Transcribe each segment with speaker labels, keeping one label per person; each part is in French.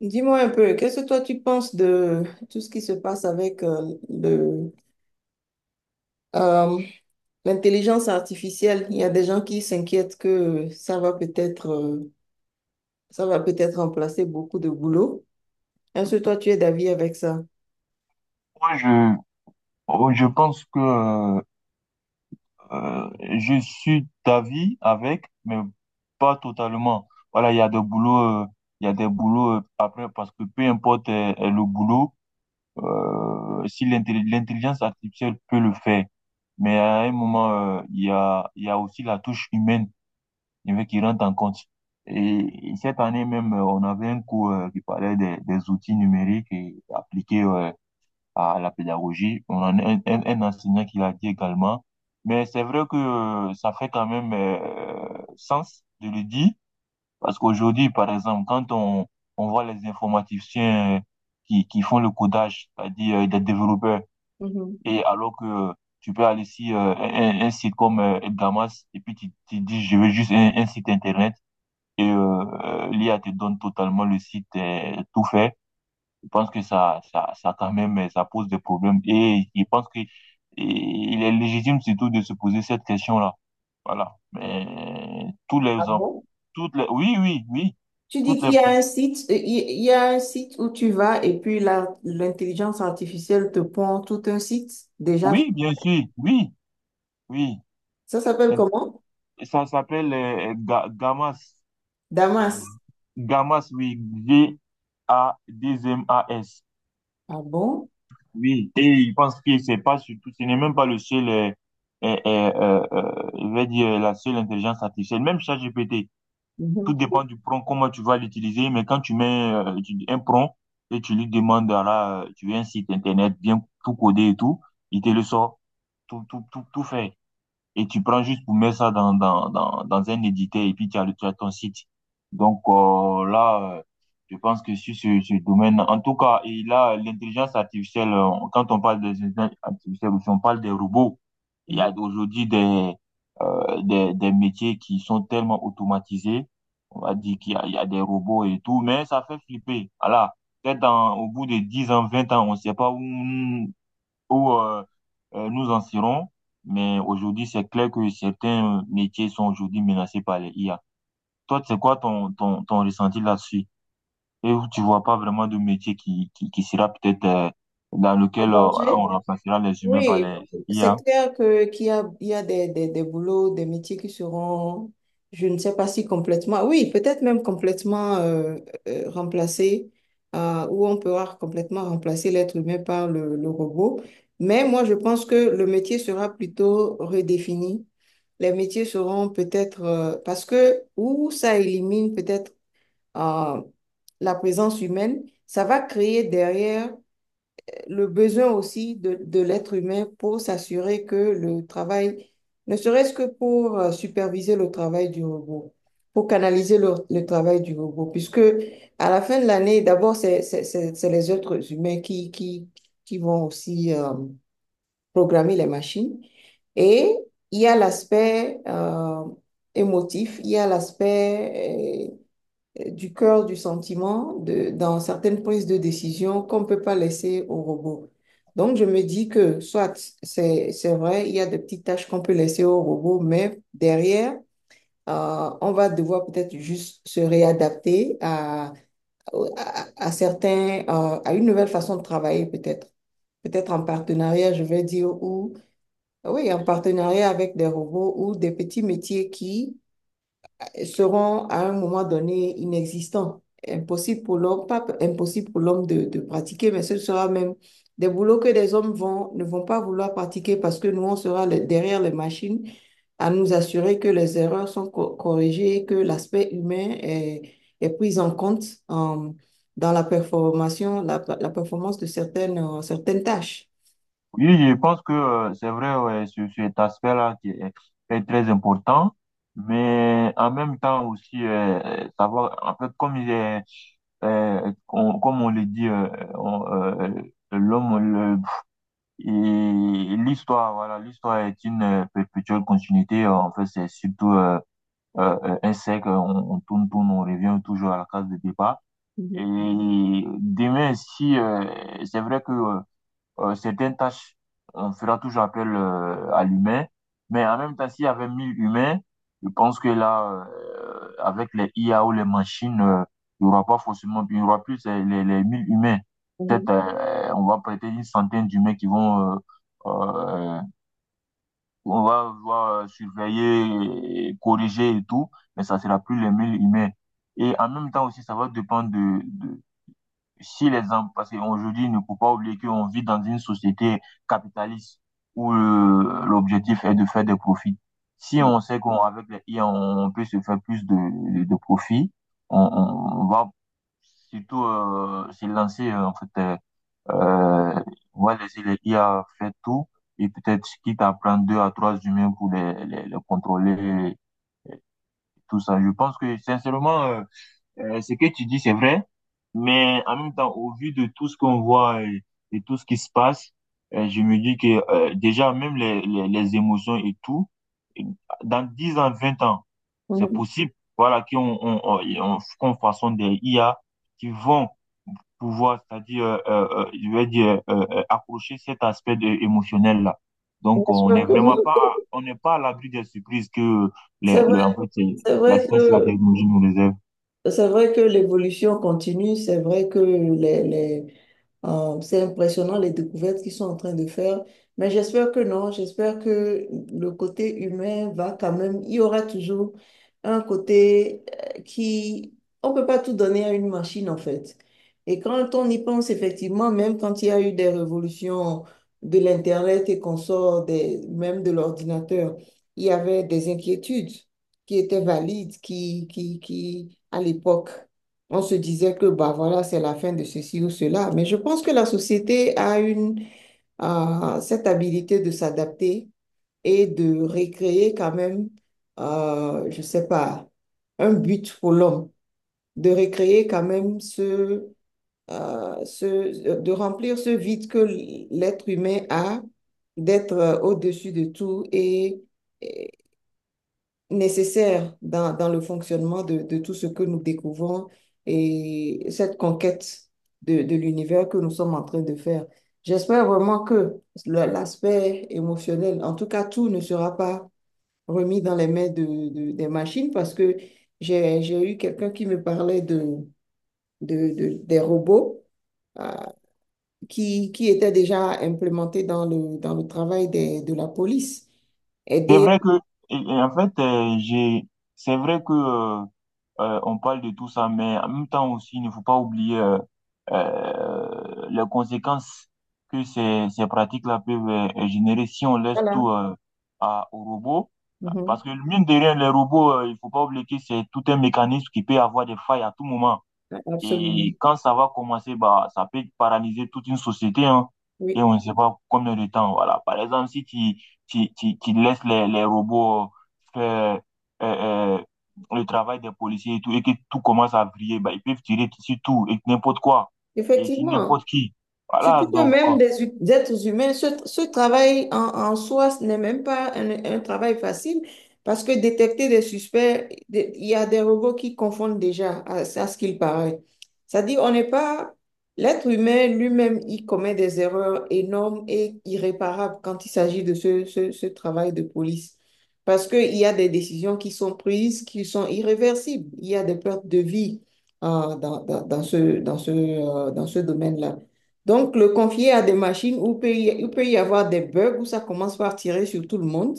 Speaker 1: Dis-moi un peu, qu'est-ce que toi tu penses de tout ce qui se passe avec euh, l'intelligence artificielle? Il y a des gens qui s'inquiètent que ça va peut-être remplacer beaucoup de boulot. Est-ce que toi tu es d'avis avec ça?
Speaker 2: Moi, je, oh, je pense que euh, je suis d'avis avec, mais pas totalement. Voilà, il y a des boulots après, parce que peu importe le boulot, si l'intelligence artificielle peut le faire, mais à un moment, il y a aussi la touche humaine qui rentre en compte. Et cette année même, on avait un cours qui parlait des outils numériques et appliqués, ouais, à la pédagogie. On en a un enseignant qui l'a dit également. Mais c'est vrai que ça fait quand même sens de le dire, parce qu'aujourd'hui, par exemple, quand on voit les informaticiens qui font le codage, c'est-à-dire des développeurs,
Speaker 1: Mhm.
Speaker 2: et alors que tu peux aller sur un site comme Edgamas, et puis tu dis, je veux juste un site Internet, et l'IA te donne totalement le site tout fait. Je pense que ça quand même, ça pose des problèmes. Et je pense que il est légitime surtout de se poser cette question-là. Voilà. Mais tous
Speaker 1: Ah
Speaker 2: les hommes,
Speaker 1: bon?
Speaker 2: toutes les, oui, oui, oui,
Speaker 1: Tu dis
Speaker 2: toutes
Speaker 1: qu'il
Speaker 2: les,
Speaker 1: y a un site, il y a un site où tu vas et puis l'intelligence artificielle te pond tout un site déjà.
Speaker 2: oui, bien sûr, oui, oui.
Speaker 1: Ça s'appelle comment?
Speaker 2: Ça s'appelle Gamas.
Speaker 1: Damas.
Speaker 2: Gamas, oui, Gadmas.
Speaker 1: Ah bon?
Speaker 2: Oui, et il pense qu'il c'est pas surtout, ce n'est même pas le seul, je vais dire, la seule intelligence artificielle, même ChatGPT, tout
Speaker 1: Mhm.
Speaker 2: dépend du prompt, comment tu vas l'utiliser, mais quand tu mets un prompt et tu lui demandes, ah là, tu veux un site internet bien tout codé et tout, il te le sort, tout, tout, tout, tout fait. Et tu prends juste pour mettre ça dans un éditeur et puis tu as ton site. Donc là, je pense que sur ce domaine, en tout cas, et là, l'intelligence artificielle, quand on parle des intelligences artificielles, aussi, on parle des robots. Il y a
Speaker 1: Mhm.
Speaker 2: aujourd'hui des métiers qui sont tellement automatisés. On va dire qu'il y a des robots et tout, mais ça fait flipper. Voilà. Peut-être au bout de 10 ans, 20 ans, on ne sait pas où, où euh, nous en serons. Mais aujourd'hui, c'est clair que certains métiers sont aujourd'hui menacés par les IA. Toi, c'est quoi ton ressenti là-dessus? Et où tu vois pas vraiment de métier qui sera peut-être dans
Speaker 1: En
Speaker 2: lequel voilà,
Speaker 1: danger?
Speaker 2: on remplacera les humains par
Speaker 1: Oui,
Speaker 2: les
Speaker 1: c'est
Speaker 2: IA?
Speaker 1: clair que qu'il y a, il y a des boulots, des métiers qui seront, je ne sais pas si complètement, oui, peut-être même complètement remplacés, où on pourra complètement remplacer l'être humain par le robot. Mais moi, je pense que le métier sera plutôt redéfini. Les métiers seront peut-être, parce que où ça élimine peut-être euh, la présence humaine, ça va créer derrière le besoin aussi de l'être humain pour s'assurer que le travail, ne serait-ce que pour superviser le travail du robot, pour canaliser le travail du robot, puisque à la fin de l'année, d'abord, c'est les êtres humains qui vont aussi programmer les machines. Et il y a l'aspect émotif, il y a l'aspect du cœur, du sentiment, de, dans certaines prises de décision qu'on ne peut pas laisser au robot. Donc, je me dis que, soit, c'est vrai, il y a des petites tâches qu'on peut laisser au robot, mais derrière, on va devoir peut-être juste se réadapter à, à certains, à une nouvelle façon de travailler peut-être. Peut-être en partenariat, je vais dire, ou, oui, en partenariat avec des robots ou des petits métiers qui, seront à un moment donné inexistants. Impossible pour l'homme, pas impossible pour l'homme de pratiquer, mais ce sera même des boulots que des hommes vont, ne vont pas vouloir pratiquer parce que nous, on sera derrière les machines à nous assurer que les erreurs sont corrigées, que l'aspect humain est pris en compte dans la performance, la performance de certaines, certaines tâches.
Speaker 2: Oui, je pense que c'est vrai, ouais, cet aspect-là qui est très important. Mais en même temps aussi, savoir, en fait, comme il est, comme on le dit, on, euh, l'homme, et l'histoire, voilà, l'histoire est une perpétuelle continuité. En fait, c'est surtout un cercle. On tourne, tourne, on revient toujours à la case de départ. Et
Speaker 1: Mhm.
Speaker 2: demain, si c'est vrai que certaines tâches, on fera toujours appel à l'humain. Mais en même temps, s'il y avait 1000 humains, je pense que là, avec les IA ou les machines, il n'y aura pas forcément, il y aura plus les 1000 humains.
Speaker 1: Mhm,
Speaker 2: Peut-être, on va prêter une centaine d'humains qui vont, euh, on va voir surveiller, et corriger et tout, mais ça sera plus les 1000 humains. Et en même temps aussi, ça va dépendre de, si parce qu'aujourd'hui, il ne faut pas oublier qu'on vit dans une société capitaliste où l'objectif est de faire des profits. Si on sait qu'on avec les IA, on peut se faire plus de profits, on va surtout se lancer en fait. Euh, on va laisser les IA faire tout et peut-être quitte à prendre deux à trois humains pour les contrôler, tout ça. Je pense que sincèrement, ce que tu dis, c'est vrai. Mais en même temps, au vu de tout ce qu'on voit et tout ce qui se passe, je me dis que déjà, même les émotions et tout, et dans 10 ans, 20 ans, c'est
Speaker 1: mhm.
Speaker 2: possible, voilà, qu'on qu'on façonne des IA qui vont pouvoir, c'est-à-dire, je vais dire, approcher cet aspect émotionnel-là.
Speaker 1: Bien
Speaker 2: Donc, on n'est
Speaker 1: sûr que non.
Speaker 2: vraiment pas, on n'est pas à l'abri des surprises que
Speaker 1: C'est
Speaker 2: en
Speaker 1: vrai,
Speaker 2: fait,
Speaker 1: c'est
Speaker 2: la
Speaker 1: vrai
Speaker 2: science, la
Speaker 1: que
Speaker 2: technologie nous réserve.
Speaker 1: c'est vrai que l'évolution continue, c'est vrai que les c'est impressionnant les découvertes qu'ils sont en train de faire, mais j'espère que non, j'espère que le côté humain va quand même, il y aura toujours un côté euh, qui, on peut pas tout donner à une machine en fait. Et quand on y pense effectivement, même quand il y a eu des révolutions de l'Internet et qu'on sort des, même de l'ordinateur, il y avait des inquiétudes qui étaient valides, à l'époque, on se disait que, bah voilà, c'est la fin de ceci ou cela. Mais je pense que la société a une, cette habilité de s'adapter et de recréer quand même, je ne sais pas, un but pour l'homme, de recréer quand même ce, de remplir ce vide que l'être humain a, d'être au-dessus de tout et nécessaire dans, dans le fonctionnement de tout ce que nous découvrons et cette conquête de l'univers que nous sommes en train de faire. J'espère vraiment que l'aspect émotionnel, en tout cas, tout ne sera pas remis dans les mains des machines parce que j'ai eu quelqu'un qui me parlait des robots euh, qui étaient déjà implémentés dans dans le travail des, de la police.
Speaker 2: C'est
Speaker 1: Aider,
Speaker 2: vrai que, et en fait, c'est vrai que on parle de tout ça, mais en même temps aussi, il ne faut pas oublier les conséquences que ces pratiques-là peuvent générer si on laisse
Speaker 1: voilà.
Speaker 2: tout à, aux robots.
Speaker 1: Mhm.
Speaker 2: Parce que mine de rien, les robots, il faut pas oublier que c'est tout un mécanisme qui peut avoir des failles à tout moment. Et
Speaker 1: Absolument.
Speaker 2: quand ça va commencer, bah, ça peut paralyser toute une société, hein, et on
Speaker 1: Oui.
Speaker 2: ne sait pas combien de temps. Voilà. Par exemple, si tu laisses les robots faire euh, euh, le travail des policiers et tout, et que tout commence à briller, bah, ils peuvent tirer sur tout et n'importe quoi, et sur
Speaker 1: Effectivement.
Speaker 2: n'importe qui. Voilà,
Speaker 1: Surtout que
Speaker 2: donc.
Speaker 1: même des êtres humains, ce travail en, en soi, ce n'est même pas un travail facile parce que détecter des suspects, il y a des robots qui confondent déjà à ce qu'il paraît. C'est-à-dire, on n'est pas... L'être humain lui-même, il commet des erreurs énormes et irréparables quand il s'agit de ce travail de police. Parce qu'il y a des décisions qui sont prises, qui sont irréversibles. Il y a des pertes de vie dans, dans ce, dans ce domaine-là. Donc, le confier à des machines où il peut y avoir des bugs, où ça commence par tirer sur tout le monde.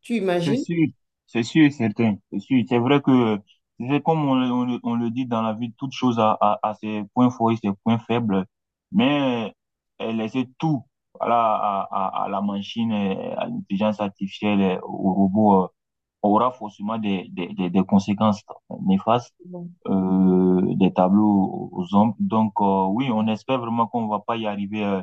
Speaker 1: Tu
Speaker 2: C'est
Speaker 1: imagines?
Speaker 2: sûr, c'est sûr et certain, c'est sûr. C'est vrai que c'est comme on le dit dans la vie, toute chose a ses points forts et ses points faibles, mais laisser tout, voilà, à la machine, à l'intelligence artificielle, au robot, aura forcément des conséquences néfastes
Speaker 1: Mhm.
Speaker 2: des tableaux aux hommes. Donc, oui, on espère vraiment qu'on ne va pas y arriver euh,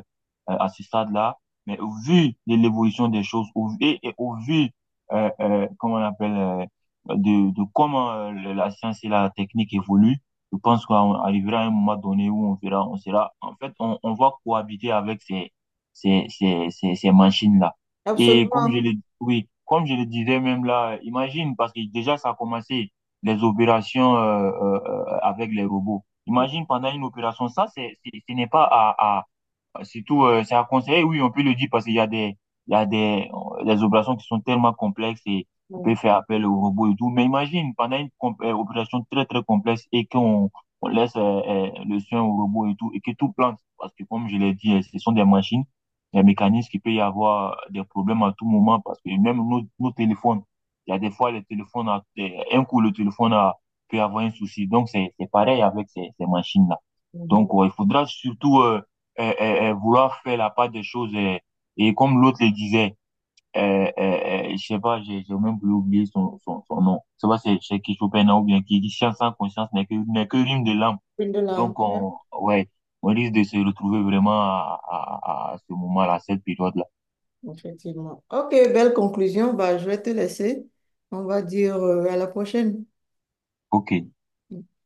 Speaker 2: euh, à ce stade-là. Mais au vu de l'évolution des choses, et au vu, comment on appelle, de comment la science et la technique évoluent, je pense qu'on arrivera à un moment donné où on verra, on sera, en fait, on va cohabiter avec ces machines-là. Et comme
Speaker 1: Absolument.
Speaker 2: oui, comme je le disais même là, imagine, parce que déjà ça a commencé les opérations avec les robots. Imagine pendant une opération, ça, ce n'est pas Surtout, c'est à conseiller, oui, on peut le dire parce qu'il y a des, il y a des, des opérations qui sont tellement complexes et on peut
Speaker 1: Mhm.
Speaker 2: faire appel au robot et tout. Mais imagine, pendant une opération très, très complexe et qu'on on laisse le soin au robot et tout, et que tout plante. Parce que, comme je l'ai dit, ce sont des machines, des mécanismes qui peut y avoir des problèmes à tout moment parce que même nos téléphones, il y a des fois, les téléphones, un coup, le téléphone peut avoir un souci. Donc, c'est pareil avec ces machines-là.
Speaker 1: Mhm.
Speaker 2: Donc, il faudra surtout, vouloir faire la part des choses. Et comme l'autre le disait, je sais pas, j'ai même oublié son nom. Je sais pas, c'est qui Chopin ou bien qui dit science sans conscience n'est que rime de l'âme.
Speaker 1: Une de
Speaker 2: Donc,
Speaker 1: l'enfer,
Speaker 2: ouais, on risque de se retrouver vraiment à ce moment-là, à cette période-là.
Speaker 1: effectivement. Ok, belle conclusion. Bah, je vais te laisser. On va dire à la prochaine.
Speaker 2: Ok.